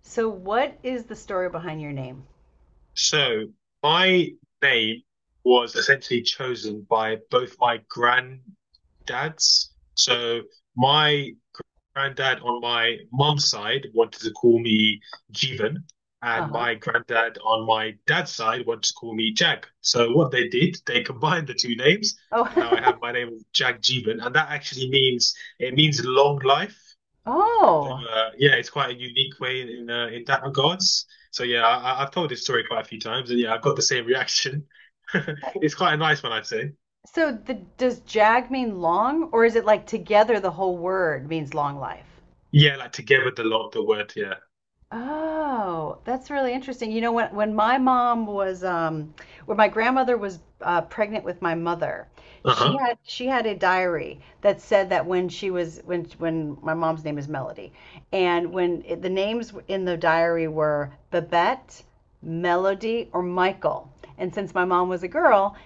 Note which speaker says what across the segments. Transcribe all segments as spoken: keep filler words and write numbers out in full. Speaker 1: So, what is the story behind your name?
Speaker 2: So my name was essentially chosen by both my granddads. So my granddad on my mum's side wanted to call me Jeevan,
Speaker 1: Uh
Speaker 2: and
Speaker 1: huh.
Speaker 2: my granddad on my dad's side wanted to call me Jag. So what they did, they combined the two names,
Speaker 1: Oh,
Speaker 2: and now I have my name of Jag Jeevan, and that actually means it means long life. So
Speaker 1: oh.
Speaker 2: uh, yeah, it's quite a unique way in, uh, in that regards. So yeah, I, I- I've told this story quite a few times, and yeah, I've got the same reaction. It's quite a nice one, I'd say.
Speaker 1: So, the, does jag mean long, or is it like together the whole word means long life?
Speaker 2: Yeah, like together the lot, the word. Yeah.
Speaker 1: Oh, that's really interesting. You know, when when my mom was um when my grandmother was uh, pregnant with my mother, she
Speaker 2: Uh-huh.
Speaker 1: had she had a diary that said that when she was when when my mom's name is Melody, and when it, the names in the diary were Babette, Melody, or Michael. And since my mom was a girl,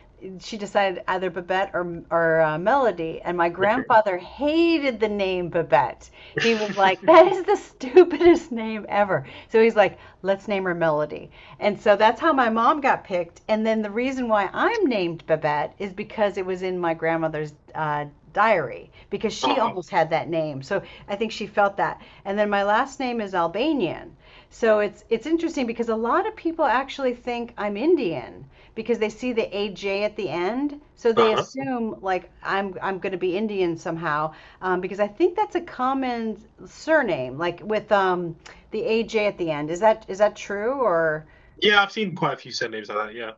Speaker 1: she decided either Babette or or uh, Melody. And my grandfather hated the name Babette. He was like, "That is the stupidest name ever." So he's like, "Let's name her Melody." And so that's how my mom got picked. And then the reason why I'm named Babette is because it was in my grandmother's uh, diary, because she
Speaker 2: Oh,
Speaker 1: almost had that name. So I think she felt that. And then my last name is Albanian. So it's it's interesting because a lot of people actually think I'm Indian because they see the A J at the end, so they
Speaker 2: uh-huh.
Speaker 1: assume like I'm I'm going to be Indian somehow, um, because I think that's a common surname, like with, um, the A J at the end. Is that is that true, or
Speaker 2: Yeah, I've seen quite a few surnames like that. Yeah.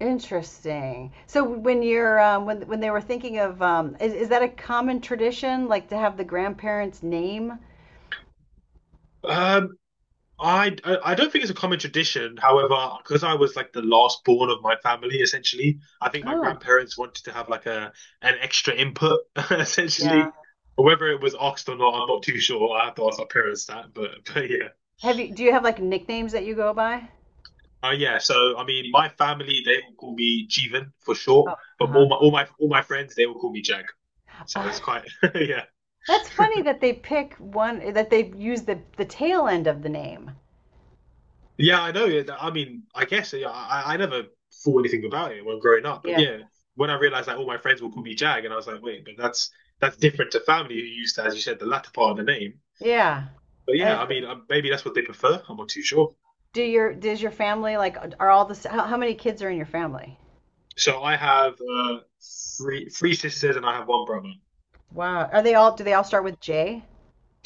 Speaker 1: interesting? So when you're um, when when they were thinking of, um, is is that a common tradition like to have the grandparents' name?
Speaker 2: Um, I I don't think it's a common tradition. However, because I was like the last born of my family, essentially, I think my
Speaker 1: Oh,
Speaker 2: grandparents wanted to have like a an extra input,
Speaker 1: yeah.
Speaker 2: essentially. Whether it was asked or not, I'm not too sure. I have to ask my parents that, but but yeah,
Speaker 1: Have you Do you have like nicknames that you go by?
Speaker 2: uh, yeah. So I mean, my family they will call me Jeevan for short,
Speaker 1: Oh,
Speaker 2: but
Speaker 1: uh-huh.
Speaker 2: all my all my all my friends they will call me Jag. So it's quite yeah.
Speaker 1: That's funny that they pick one, that they use the the tail end of the name.
Speaker 2: Yeah, I know. Yeah, I mean, I guess yeah, I, I never thought anything about it when growing up, but
Speaker 1: Yeah.
Speaker 2: yeah, when I realized that all my friends will call me Jag, and I was like, wait, but that's that's different to family who used to, as you said, the latter part of the name.
Speaker 1: Yeah.
Speaker 2: But yeah,
Speaker 1: As,
Speaker 2: I mean, uh, maybe that's what they prefer. I'm not too sure.
Speaker 1: do your does your family like are all the how, how many kids are in your family?
Speaker 2: So I have uh, three three sisters and I have one brother.
Speaker 1: Wow. Are they all Do they all start with J?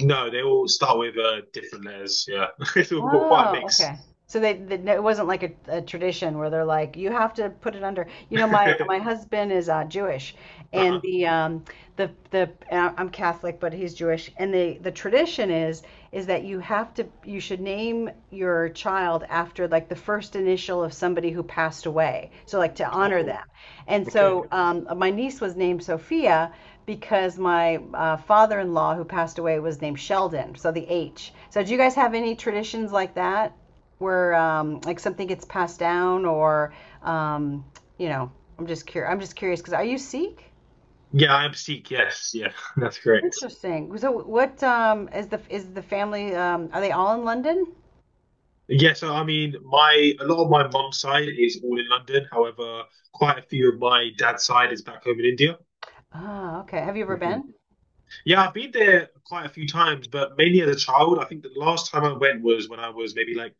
Speaker 2: No, they all start with uh, different letters. Yeah, it's all quite a
Speaker 1: Oh,
Speaker 2: mix.
Speaker 1: okay. So they, they no, it wasn't like a, a tradition where they're like, you have to put it under. You know, my my husband is uh, Jewish, and
Speaker 2: Uh-huh.
Speaker 1: the um the the and I- I'm Catholic, but he's Jewish, and the the tradition is is that you have to you should name your child after like the first initial of somebody who passed away, so like to honor
Speaker 2: Oh,
Speaker 1: them. And
Speaker 2: okay.
Speaker 1: so, um, my niece was named Sophia, because my uh, father-in-law who passed away was named Sheldon, so the H. So do you guys have any traditions like that where, um, like something gets passed down, or um, you know, I'm just curious. I'm just curious, because are you Sikh?
Speaker 2: Yeah, I am Sikh. Yes, yeah, that's correct.
Speaker 1: Interesting. So what um, is the is the family um, are they all in London?
Speaker 2: Yes, I mean, my a lot of my mum's side is all in London. However, quite a few of my dad's side is back home in India.
Speaker 1: Ah, okay. Have you ever
Speaker 2: Mhm.
Speaker 1: been?
Speaker 2: Yeah, I've been there quite a few times, but mainly as a child. I think the last time I went was when I was maybe like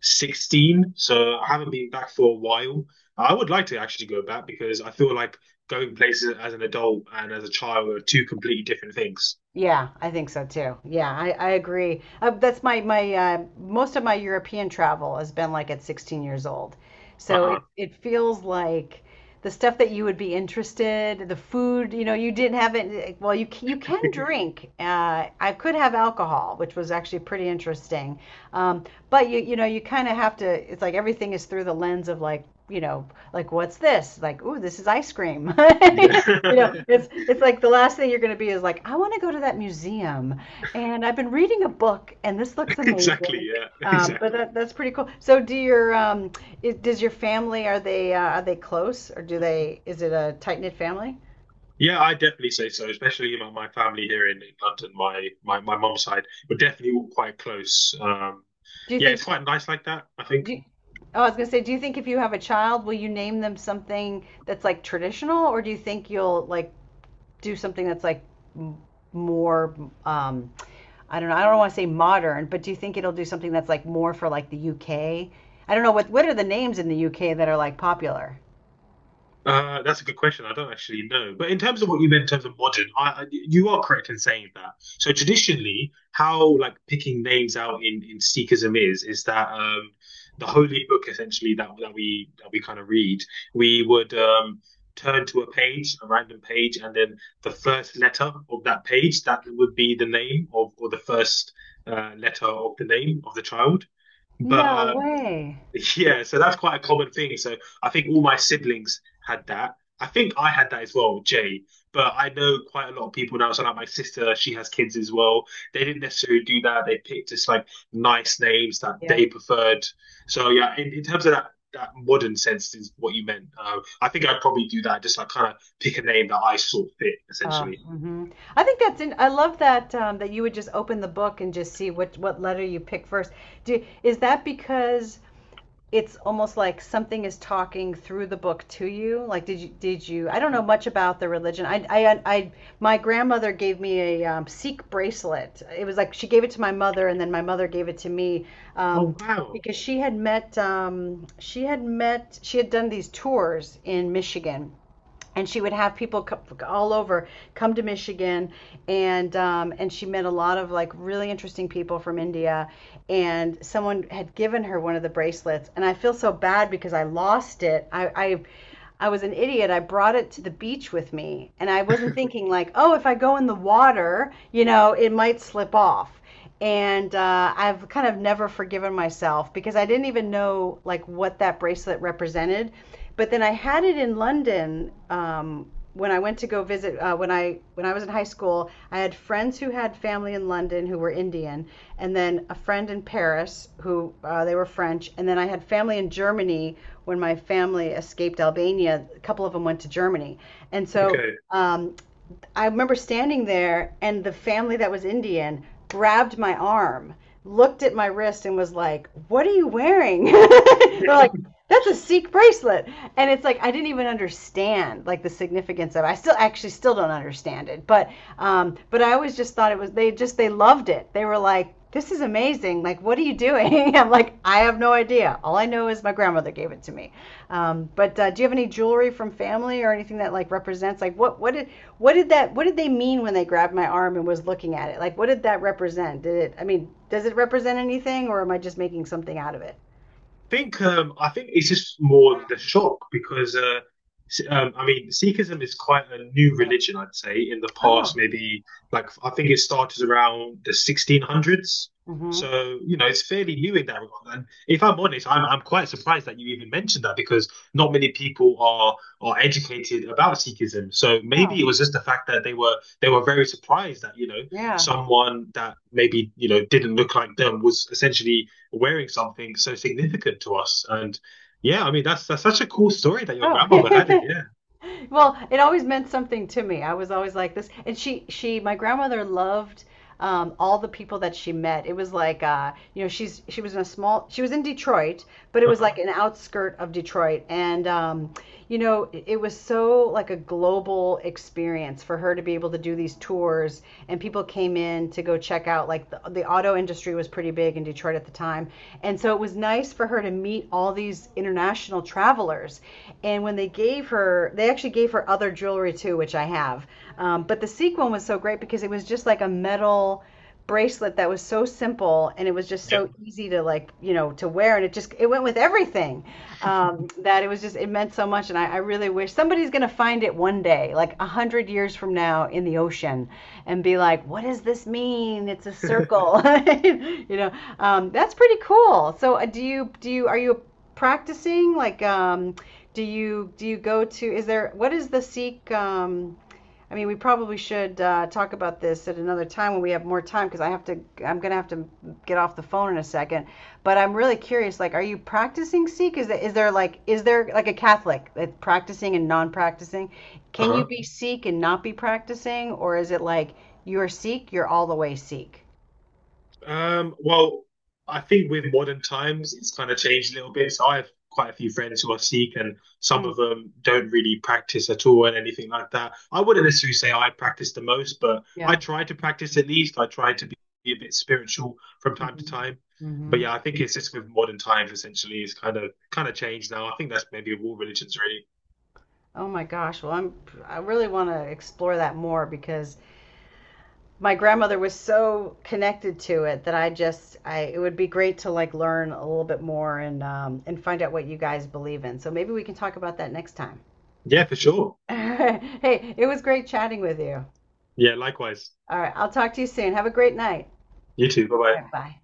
Speaker 2: sixteen, so I haven't been back for a while. I would like to actually go back because I feel like going places as an adult and as a child are two completely different things.
Speaker 1: Yeah, I think so too. Yeah, I, I agree. Uh, that's my my uh, most of my European travel has been like at sixteen years old. So
Speaker 2: Uh-huh.
Speaker 1: it it feels like the stuff that you would be interested, the food, you know, you didn't have it. Well, you c- you can drink. Uh, I could have alcohol, which was actually pretty interesting. Um, but you you know you kind of have to. It's like everything is through the lens of, like, you know like, what's this? Like, ooh, this is ice cream. You know,
Speaker 2: Yeah.
Speaker 1: it's it's like, the last thing you're going to be is like, I want to go to that museum, and I've been reading a book, and this looks amazing.
Speaker 2: Exactly, yeah.
Speaker 1: Um, but
Speaker 2: Exactly.
Speaker 1: that that's pretty cool. So do your um, is, does your family are they uh, are they close, or do they is it a tight knit family?
Speaker 2: Yeah, I definitely say so. Especially, you know, my family here in, in London, my my my mum's side, we're definitely all quite close. Um,
Speaker 1: Do you
Speaker 2: yeah, it's
Speaker 1: think
Speaker 2: quite nice like that. I think
Speaker 1: do you, Oh, I was gonna say, do you think if you have a child, will you name them something that's like traditional, or do you think you'll like do something that's like m- more, um, I don't know, I don't want to say modern, but do you think it'll do something that's like more for like the U K? I don't know, what what are the names in the U K that are like popular?
Speaker 2: Uh, that's a good question. I don't actually know. But in terms of what you meant in terms of modern, I, I, you are correct in saying that. So traditionally, how like picking names out in, in Sikhism is is that um, the holy book essentially that that we that we kind of read, we would um, turn to a page, a random page, and then the first letter of that page that would be the name of or the first uh, letter of the name of the child. But
Speaker 1: No
Speaker 2: uh,
Speaker 1: way.
Speaker 2: Yeah, so that's quite a common thing. So I think all my siblings had that. I think I had that as well, Jay. But I know quite a lot of people now. So like my sister, she has kids as well. They didn't necessarily do that. They picked just like nice names that they preferred. So yeah, in, in terms of that that modern sense is what you meant. Uh, I think I'd probably do that, just like kind of pick a name that I saw fit,
Speaker 1: Oh,
Speaker 2: essentially.
Speaker 1: hmm I think that's, in, I love that, um, that you would just open the book and just see what what letter you pick first. Do, is that because it's almost like something is talking through the book to you? Like, did you did you? I don't know much about the religion. I I, I my grandmother gave me a, um, Sikh bracelet. It was like she gave it to my mother, and then my mother gave it to me. Um,
Speaker 2: Oh wow.
Speaker 1: because she had met, um, she had met she had done these tours in Michigan, and she would have people, co- all over, come to Michigan, and um, and she met a lot of like really interesting people from India, and someone had given her one of the bracelets, and I feel so bad, because I lost it. I. I I was an idiot. I brought it to the beach with me, and I wasn't thinking like, oh, if I go in the water, you know, it might slip off, and uh, I've kind of never forgiven myself, because I didn't even know like what that bracelet represented. But then I had it in London, um, when I went to go visit, uh, when I when I was in high school. I had friends who had family in London who were Indian, and then a friend in Paris who, uh, they were French, and then I had family in Germany, when my family escaped Albania. A couple of them went to Germany, and so,
Speaker 2: Okay.
Speaker 1: um, I remember standing there, and the family that was Indian grabbed my arm, looked at my wrist, and was like, "What are you wearing?" They're like, "That's a Sikh bracelet," and it's like, I didn't even understand like the significance of it. I still actually still don't understand it, but um, but I always just thought it was, they just they loved it. They were like. This is amazing. Like, what are you doing? I'm like, I have no idea. All I know is my grandmother gave it to me. Um, but uh, do you have any jewelry from family, or anything that like represents, like what what did what did that what did they mean when they grabbed my arm and was looking at it? Like, what did that represent? Did it? I mean, does it represent anything, or am I just making something out of it?
Speaker 2: think um, I think it's just more the shock because uh, um, I mean Sikhism is quite a new religion, I'd say. In the
Speaker 1: Oh,
Speaker 2: past, maybe like I think it started around the sixteen hundreds,
Speaker 1: mm hmm.
Speaker 2: so you know it's fairly new in that regard. And if I'm honest, I'm I'm quite surprised that you even mentioned that because not many people are are educated about Sikhism. So
Speaker 1: Oh,
Speaker 2: maybe it was just the fact that they were they were very surprised that you know
Speaker 1: yeah.
Speaker 2: someone that maybe you know didn't look like them was essentially wearing something so significant to us. And yeah, I mean that's that's such a cool story that your
Speaker 1: Oh,
Speaker 2: grandmother had it. Yeah.
Speaker 1: well, it always meant something to me. I was always like this, and she she my grandmother loved, um, all the people that she met. It was like, uh, you know she's she was in a small she was in Detroit, but it was like
Speaker 2: Uh-huh.
Speaker 1: an outskirt of Detroit, and um, you know it, it was so like a global experience for her to be able to do these tours, and people came in to go check out. Like the, the auto industry was pretty big in Detroit at the time. And so it was nice for her to meet all these international travelers. And when they gave her, they actually gave her other jewelry too, which I have. Um, but the sequin was so great, because it was just like a metal bracelet that was so simple, and it was just
Speaker 2: Yeah.
Speaker 1: so easy to, like, you know to wear, and it just it went with everything, um, that it was just it meant so much. And I, I really wish somebody's gonna find it one day, like a hundred years from now in the ocean, and be like, what does this mean? It's a circle. you know um, that's pretty cool. So uh, do you do you are you practicing, like, um, do you do you go to is there what is the Sikh, um, I mean, we probably should, uh, talk about this at another time, when we have more time, because I have to. I'm gonna have to get off the phone in a second. But I'm really curious. Like, are you practicing Sikh? Is there, is there like is there like a Catholic that practicing and non-practicing? Can you
Speaker 2: uh-huh.
Speaker 1: be Sikh and not be practicing, or is it like you're Sikh, you're all the way Sikh?
Speaker 2: Um, well, I think with modern times, it's kind of changed a little bit. So I have quite a few friends who are Sikh, and some of
Speaker 1: Mm,
Speaker 2: them don't really practice at all and anything like that. I wouldn't necessarily say I practice the most, but I
Speaker 1: yeah.
Speaker 2: try to practice at least. I try to be a bit spiritual from time to
Speaker 1: Hmm,
Speaker 2: time. But
Speaker 1: hmm.
Speaker 2: yeah, I think it's just with modern times essentially it's kind of kind of changed now. I think that's maybe of all religions really.
Speaker 1: Oh my gosh. Well, I'm I really want to explore that more, because my grandmother was so connected to it, that I just I it would be great to like learn a little bit more, and um and find out what you guys believe in. So maybe we can talk about that next time.
Speaker 2: Yeah, for sure.
Speaker 1: Hey, it was great chatting with you.
Speaker 2: Yeah, likewise.
Speaker 1: All right, I'll talk to you soon. Have a great night.
Speaker 2: You too. Bye bye.
Speaker 1: All right, bye.